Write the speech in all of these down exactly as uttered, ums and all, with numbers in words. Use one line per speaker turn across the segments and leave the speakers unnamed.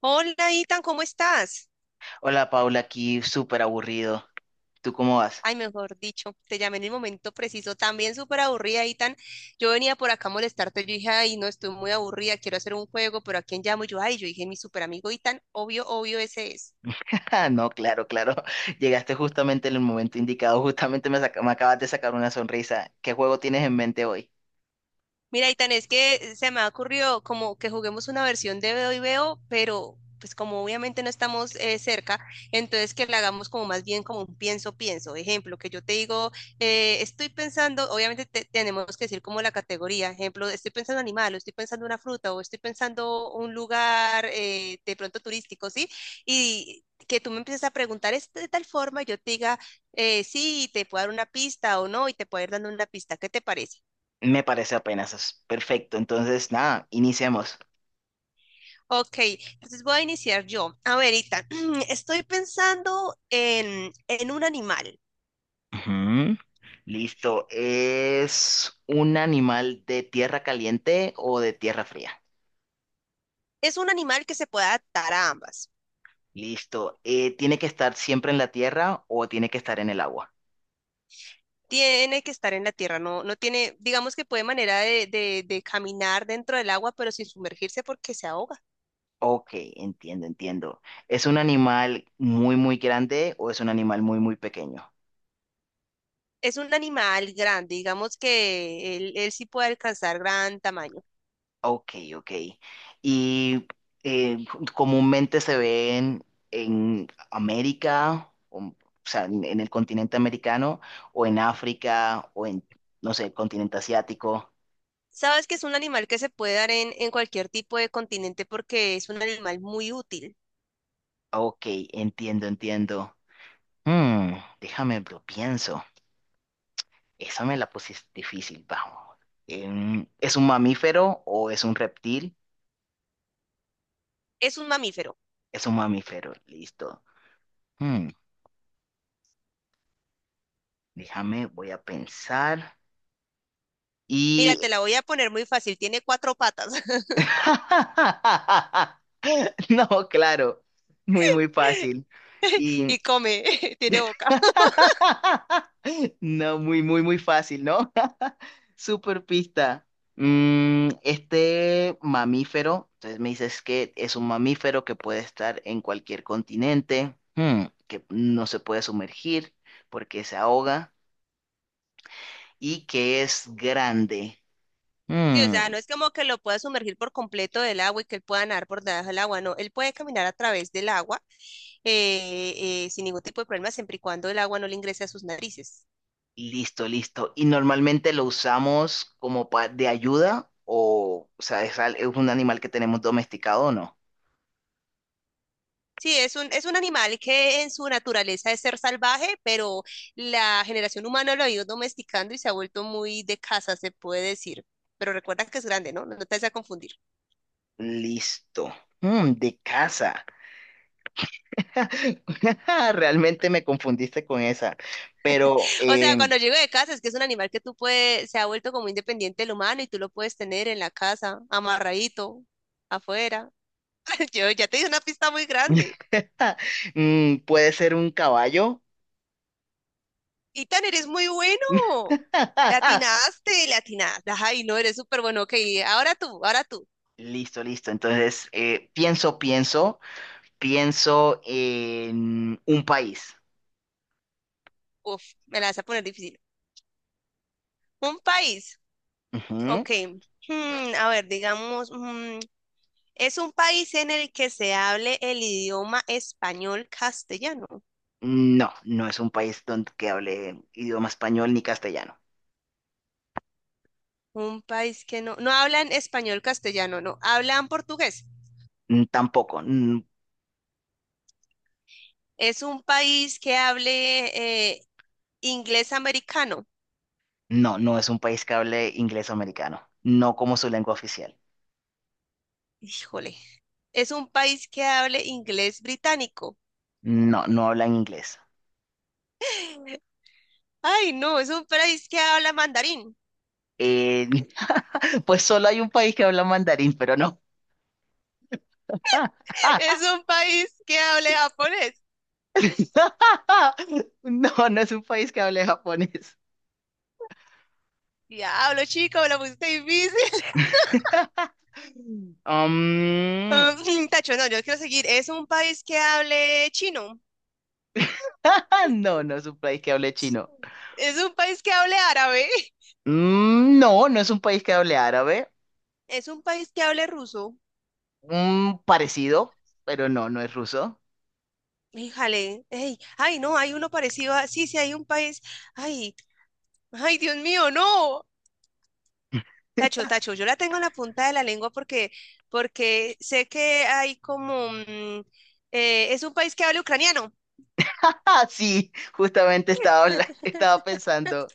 Hola, Itan, ¿cómo estás?
Hola Paula, aquí súper aburrido. ¿Tú cómo vas?
Ay, mejor dicho, te llamé en el momento preciso. También súper aburrida, Itan. Yo venía por acá a molestarte. Yo dije, ay, no, estoy muy aburrida, quiero hacer un juego, pero ¿a quién llamo? Y yo, ay, yo dije, mi súper amigo Itan, obvio, obvio, ese es.
Ah, no, claro, claro. Llegaste justamente en el momento indicado. Justamente me, saca- me acabas de sacar una sonrisa. ¿Qué juego tienes en mente hoy?
Mira, Itan, es que se me ha ocurrido como que juguemos una versión de Veo y Veo, pero pues como obviamente no estamos eh, cerca, entonces que la hagamos como más bien como un pienso, pienso. Ejemplo, que yo te digo, eh, estoy pensando, obviamente te- tenemos que decir como la categoría, ejemplo, estoy pensando animal, o estoy pensando una fruta, o estoy pensando un lugar eh, de pronto turístico, ¿sí? Y que tú me empieces a preguntar es de tal forma, yo te diga, eh, sí, te puedo dar una pista o no, y te puedo ir dando una pista, ¿qué te parece?
Me parece apenas es perfecto. Entonces, nada, iniciemos.
Ok, entonces voy a iniciar yo. A ver, Ethan, estoy pensando en, en un animal.
Ujú. Listo. ¿Es un animal de tierra caliente o de tierra fría?
Es un animal que se puede adaptar a ambas.
Listo. Eh, ¿tiene que estar siempre en la tierra o tiene que estar en el agua?
Tiene que estar en la tierra, no, no tiene, digamos que puede manera de, de- de caminar dentro del agua, pero sin sumergirse porque se ahoga.
Ok, entiendo, entiendo. ¿Es un animal muy, muy grande o es un animal muy, muy pequeño?
Es un animal grande, digamos que él, él sí puede alcanzar gran tamaño.
Ok, ok. ¿Y eh, comúnmente se ven en América, o, o sea, en, en el continente americano, o en África, o en, no sé, el continente asiático?
Sabes que es un animal que se puede dar en, en cualquier tipo de continente porque es un animal muy útil.
Ok, entiendo, entiendo. Hmm, déjame, lo pienso. Esa me la pusiste difícil, vamos. Em, ¿es un mamífero o es un reptil?
Es un mamífero.
Es un mamífero, listo. Hmm, déjame, voy a pensar.
Mira,
Y...
te la voy a poner muy fácil, tiene cuatro patas.
No, claro, muy, muy fácil. Y...
Y come, tiene boca.
No, muy, muy, muy fácil, ¿no? Super pista. Mm, este mamífero, entonces me dices que es un mamífero que puede estar en cualquier continente. Hmm. Que no se puede sumergir porque se ahoga y que es grande.
Sí, o
Mm,
sea, no es como que lo pueda sumergir por completo del agua y que él pueda nadar por debajo del agua, no, él puede caminar a través del agua eh, eh, sin ningún tipo de problema, siempre y cuando el agua no le ingrese a sus narices.
listo, listo. Y normalmente lo usamos como pa- de ayuda o, o sea, es, al- es un animal que tenemos domesticado o no.
Sí, es un, es un animal que en su naturaleza es ser salvaje, pero la generación humana lo ha ido domesticando y se ha vuelto muy de casa, se puede decir. Pero recuerda que es grande, ¿no? No te vas a confundir.
Listo. Mm, de casa. Realmente me confundiste con esa. Pero
O sea,
eh,
cuando llego de casa es que es un animal que tú puedes, se ha vuelto como independiente del humano y tú lo puedes tener en la casa, amarradito, afuera. Yo ya te di una pista muy grande.
mm, puede ser un caballo.
Tan eres muy bueno. Le atinaste, le atinaste. Ay, no, eres súper bueno. Ok, ahora tú, ahora tú.
Listo, listo. Entonces, eh, pienso, pienso, pienso en un país.
Uf, me la vas a poner difícil. Un país.
Ujú.
Ok. Hmm, a ver, digamos, mm, es un país en el que se hable el idioma español castellano.
No, no es un país donde que hable idioma español ni castellano.
Un país que no, no hablan español castellano, no, hablan portugués.
Mm, tampoco. Mm,
Es un país que hable eh, inglés americano.
no, no es un país que hable inglés o americano. No como su lengua oficial.
Híjole, es un país que hable inglés británico.
No, no hablan inglés.
Ay, no, es un país que habla mandarín.
Eh, pues solo hay un país que habla mandarín, pero no.
Es un país que hable japonés.
No, no es un país que hable japonés.
Diablo, chico, me lo pusiste difícil.
Um,
Mm, tacho, no, yo quiero seguir. Es un país que hable chino.
no, no es un país que hable chino.
Es un país que hable árabe.
Mm, no, no es un país que hable árabe.
Es un país que hable ruso.
Un parecido, pero no, no es ruso.
Híjale, ey, ay, no, hay uno parecido a, sí, sí, hay un país, ay, ay, Dios mío, no. Tacho, tacho, yo la tengo en la punta de la lengua porque, porque sé que hay como, mm, eh, es un país que habla ucraniano.
Ah, sí, justamente estaba, habla- estaba pensando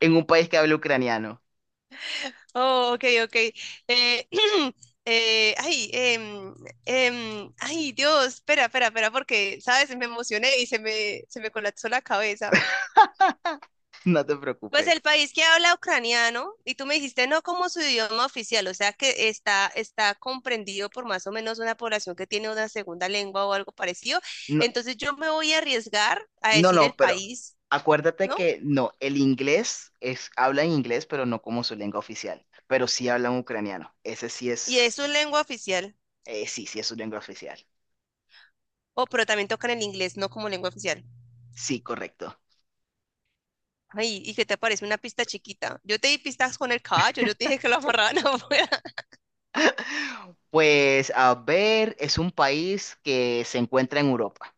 en un país que habla ucraniano.
Oh, ok, ok. Eh, eh, ay, em, em, ay, Dios, espera, espera, espera, porque, ¿sabes? Me emocioné y se me, se me colapsó la cabeza.
No te
Pues
preocupes.
el país que habla ucraniano, y tú me dijiste no como su idioma oficial, o sea que está, está comprendido por más o menos una población que tiene una segunda lengua o algo parecido.
No,
Entonces yo me voy a arriesgar a
no,
decir el
no, pero
país,
acuérdate
¿no?
que no, el inglés es, hablan inglés, pero no como su lengua oficial. Pero sí hablan ucraniano. Ese sí
Y es
es,
su lengua oficial.
eh, sí, sí es su lengua oficial.
Oh, pero también tocan el inglés, no como lengua oficial.
Sí, correcto.
Ay, ¿y qué te parece una pista chiquita? Yo te di pistas con el caballo, yo te dije que lo amarraban afuera.
Pues a ver, es un país que se encuentra en Europa.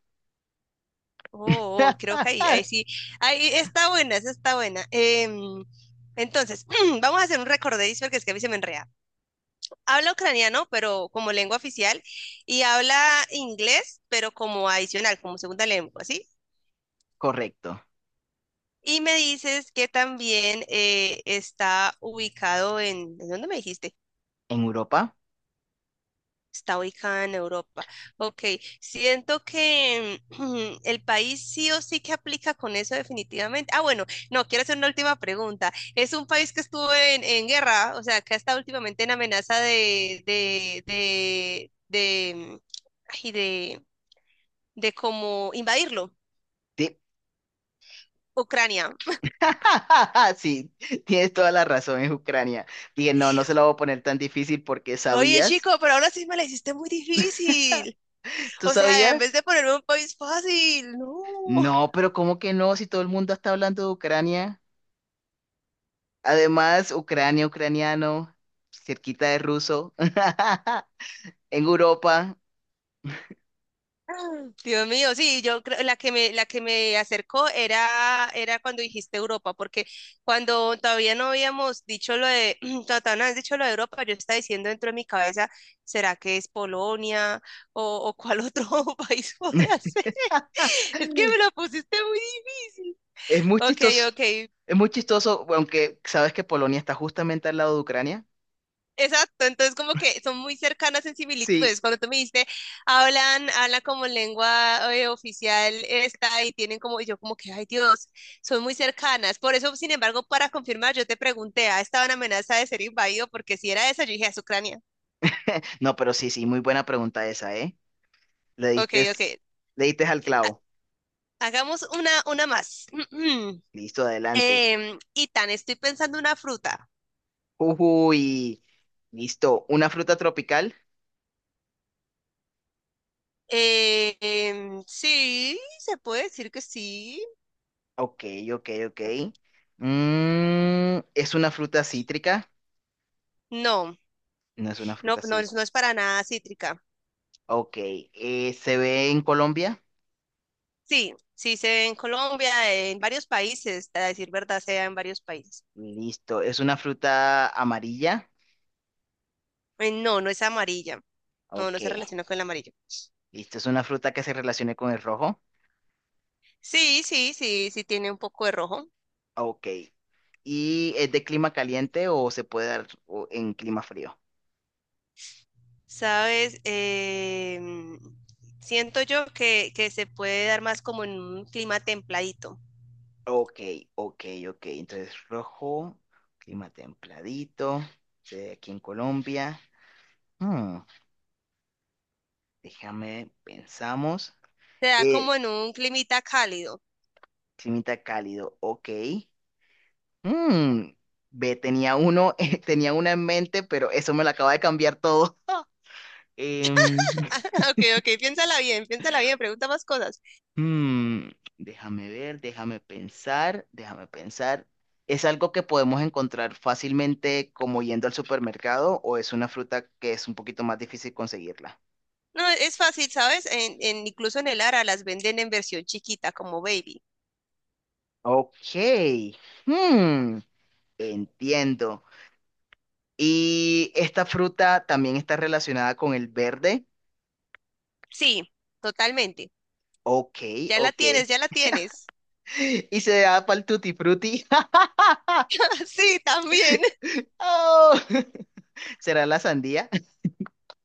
Oh, oh, creo que ahí, ahí sí. Ahí está buena, esa está buena. Em, entonces, vamos a hacer un recordadizo porque es que a mí se me enrea. Habla ucraniano, pero como lengua oficial, y habla inglés, pero como adicional, como segunda lengua, ¿sí?
Correcto.
Y me dices que también eh, está ubicado en, ¿en dónde me dijiste?
¿En Europa?
Está ubicada en Europa. Ok, siento que mm, el país sí o sí que aplica con eso definitivamente. Ah, bueno, no, quiero hacer una última pregunta. Es un país que estuvo en, en guerra, o sea, que ha estado últimamente en amenaza de, de, de, de, ay, de, de como invadirlo.
Sí,
Ucrania.
sí, tienes toda la razón, es Ucrania. Dije, no, no se la voy a poner tan difícil porque
Oye,
sabías.
chico, pero ahora sí me la hiciste muy difícil.
¿Tú
O sea, en vez
sabías?
de ponerme un país fácil, no.
No, pero ¿cómo que no? Si todo el mundo está hablando de Ucrania. Además, Ucrania, ucraniano, cerquita de ruso, en Europa.
Dios mío, sí, yo creo la que me la que me acercó era era cuando dijiste Europa, porque cuando todavía no habíamos dicho lo de cuando todavía no habías dicho lo de Europa, yo estaba diciendo dentro de mi cabeza, ¿será que es Polonia o, o cuál otro país podrá ser? Es que me la pusiste muy difícil.
Es muy
Ok,
chistoso.
ok,
Es muy chistoso, aunque sabes que Polonia está justamente al lado de Ucrania.
exacto, entonces como que son muy cercanas en
Sí.
similitudes. Cuando tú me dijiste, hablan, hablan como lengua eh, oficial esta y tienen como, y yo como que, ay Dios, son muy cercanas. Por eso, sin embargo, para confirmar, yo te pregunté, ¿ah, estaba en amenaza de ser invadido? Porque si era esa, yo dije, es Ucrania.
No, pero sí, sí, muy buena pregunta esa, ¿eh? Le
Ok,
diste,
ok.
le diste al
Ha-
clavo.
hagamos una, una más.
Listo, adelante.
Em, y estoy pensando una fruta.
Uy, listo. ¿Una fruta tropical?
Eh, em, sí, se puede decir que sí.
Ok, ok, ok.
Ok.
Mm, ¿es una fruta cítrica?
No,
No es una
no,
fruta
no, es-
cítrica.
no es para nada cítrica.
Ok, eh, ¿se ve en Colombia?
Sí, sí se ve en Colombia, en varios países, a decir verdad, se da en varios países.
Listo. ¿Es una fruta amarilla?
Eh, No, no es amarilla. No,
Ok,
no se relaciona con el amarillo.
listo. ¿Es una fruta que se relacione con el rojo?
Sí, sí, sí, sí tiene un poco de rojo.
Ok. ¿Y es de clima caliente o se puede dar o- en clima frío?
Sabes, em, siento yo que, que se puede dar más como en un clima templadito.
Ok, ok, ok. Entonces, rojo, clima templadito, se ve aquí en Colombia. Hmm, déjame, pensamos.
Se da
Eh,
como en un climita cálido.
climita cálido, ok. Mm, ve, tenía uno, eh, tenía una en mente, pero eso me lo acaba de cambiar todo. Em,
Ok, ok, piénsala bien, piénsala bien, pregunta más cosas.
hmm, déjame ver, déjame pensar, déjame pensar. ¿Es algo que podemos encontrar fácilmente como yendo al supermercado o es una fruta que es un poquito más difícil conseguirla?
No, es fácil, ¿sabes? En, en- incluso en el Ara las venden en versión chiquita, como baby.
Ok. Hmm, entiendo. Y esta fruta también está relacionada con el verde.
Sí, totalmente.
Ok,
Ya la
ok.
tienes, ya la tienes.
Y se da para el tutti frutti.
Sí, también.
¡Oh! ¿Será la sandía?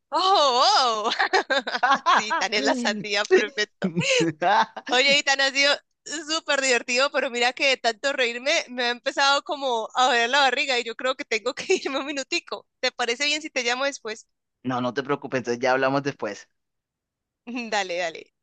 Oh, oh. Sí, tan es la sandía, perfecto. Oye, y tan ha sido súper divertido, pero mira que de tanto reírme me ha empezado como a doler la barriga y yo creo que tengo que irme un minutico. ¿Te parece bien si te llamo después?
No, no te preocupes, entonces ya hablamos después.
Dale, dale.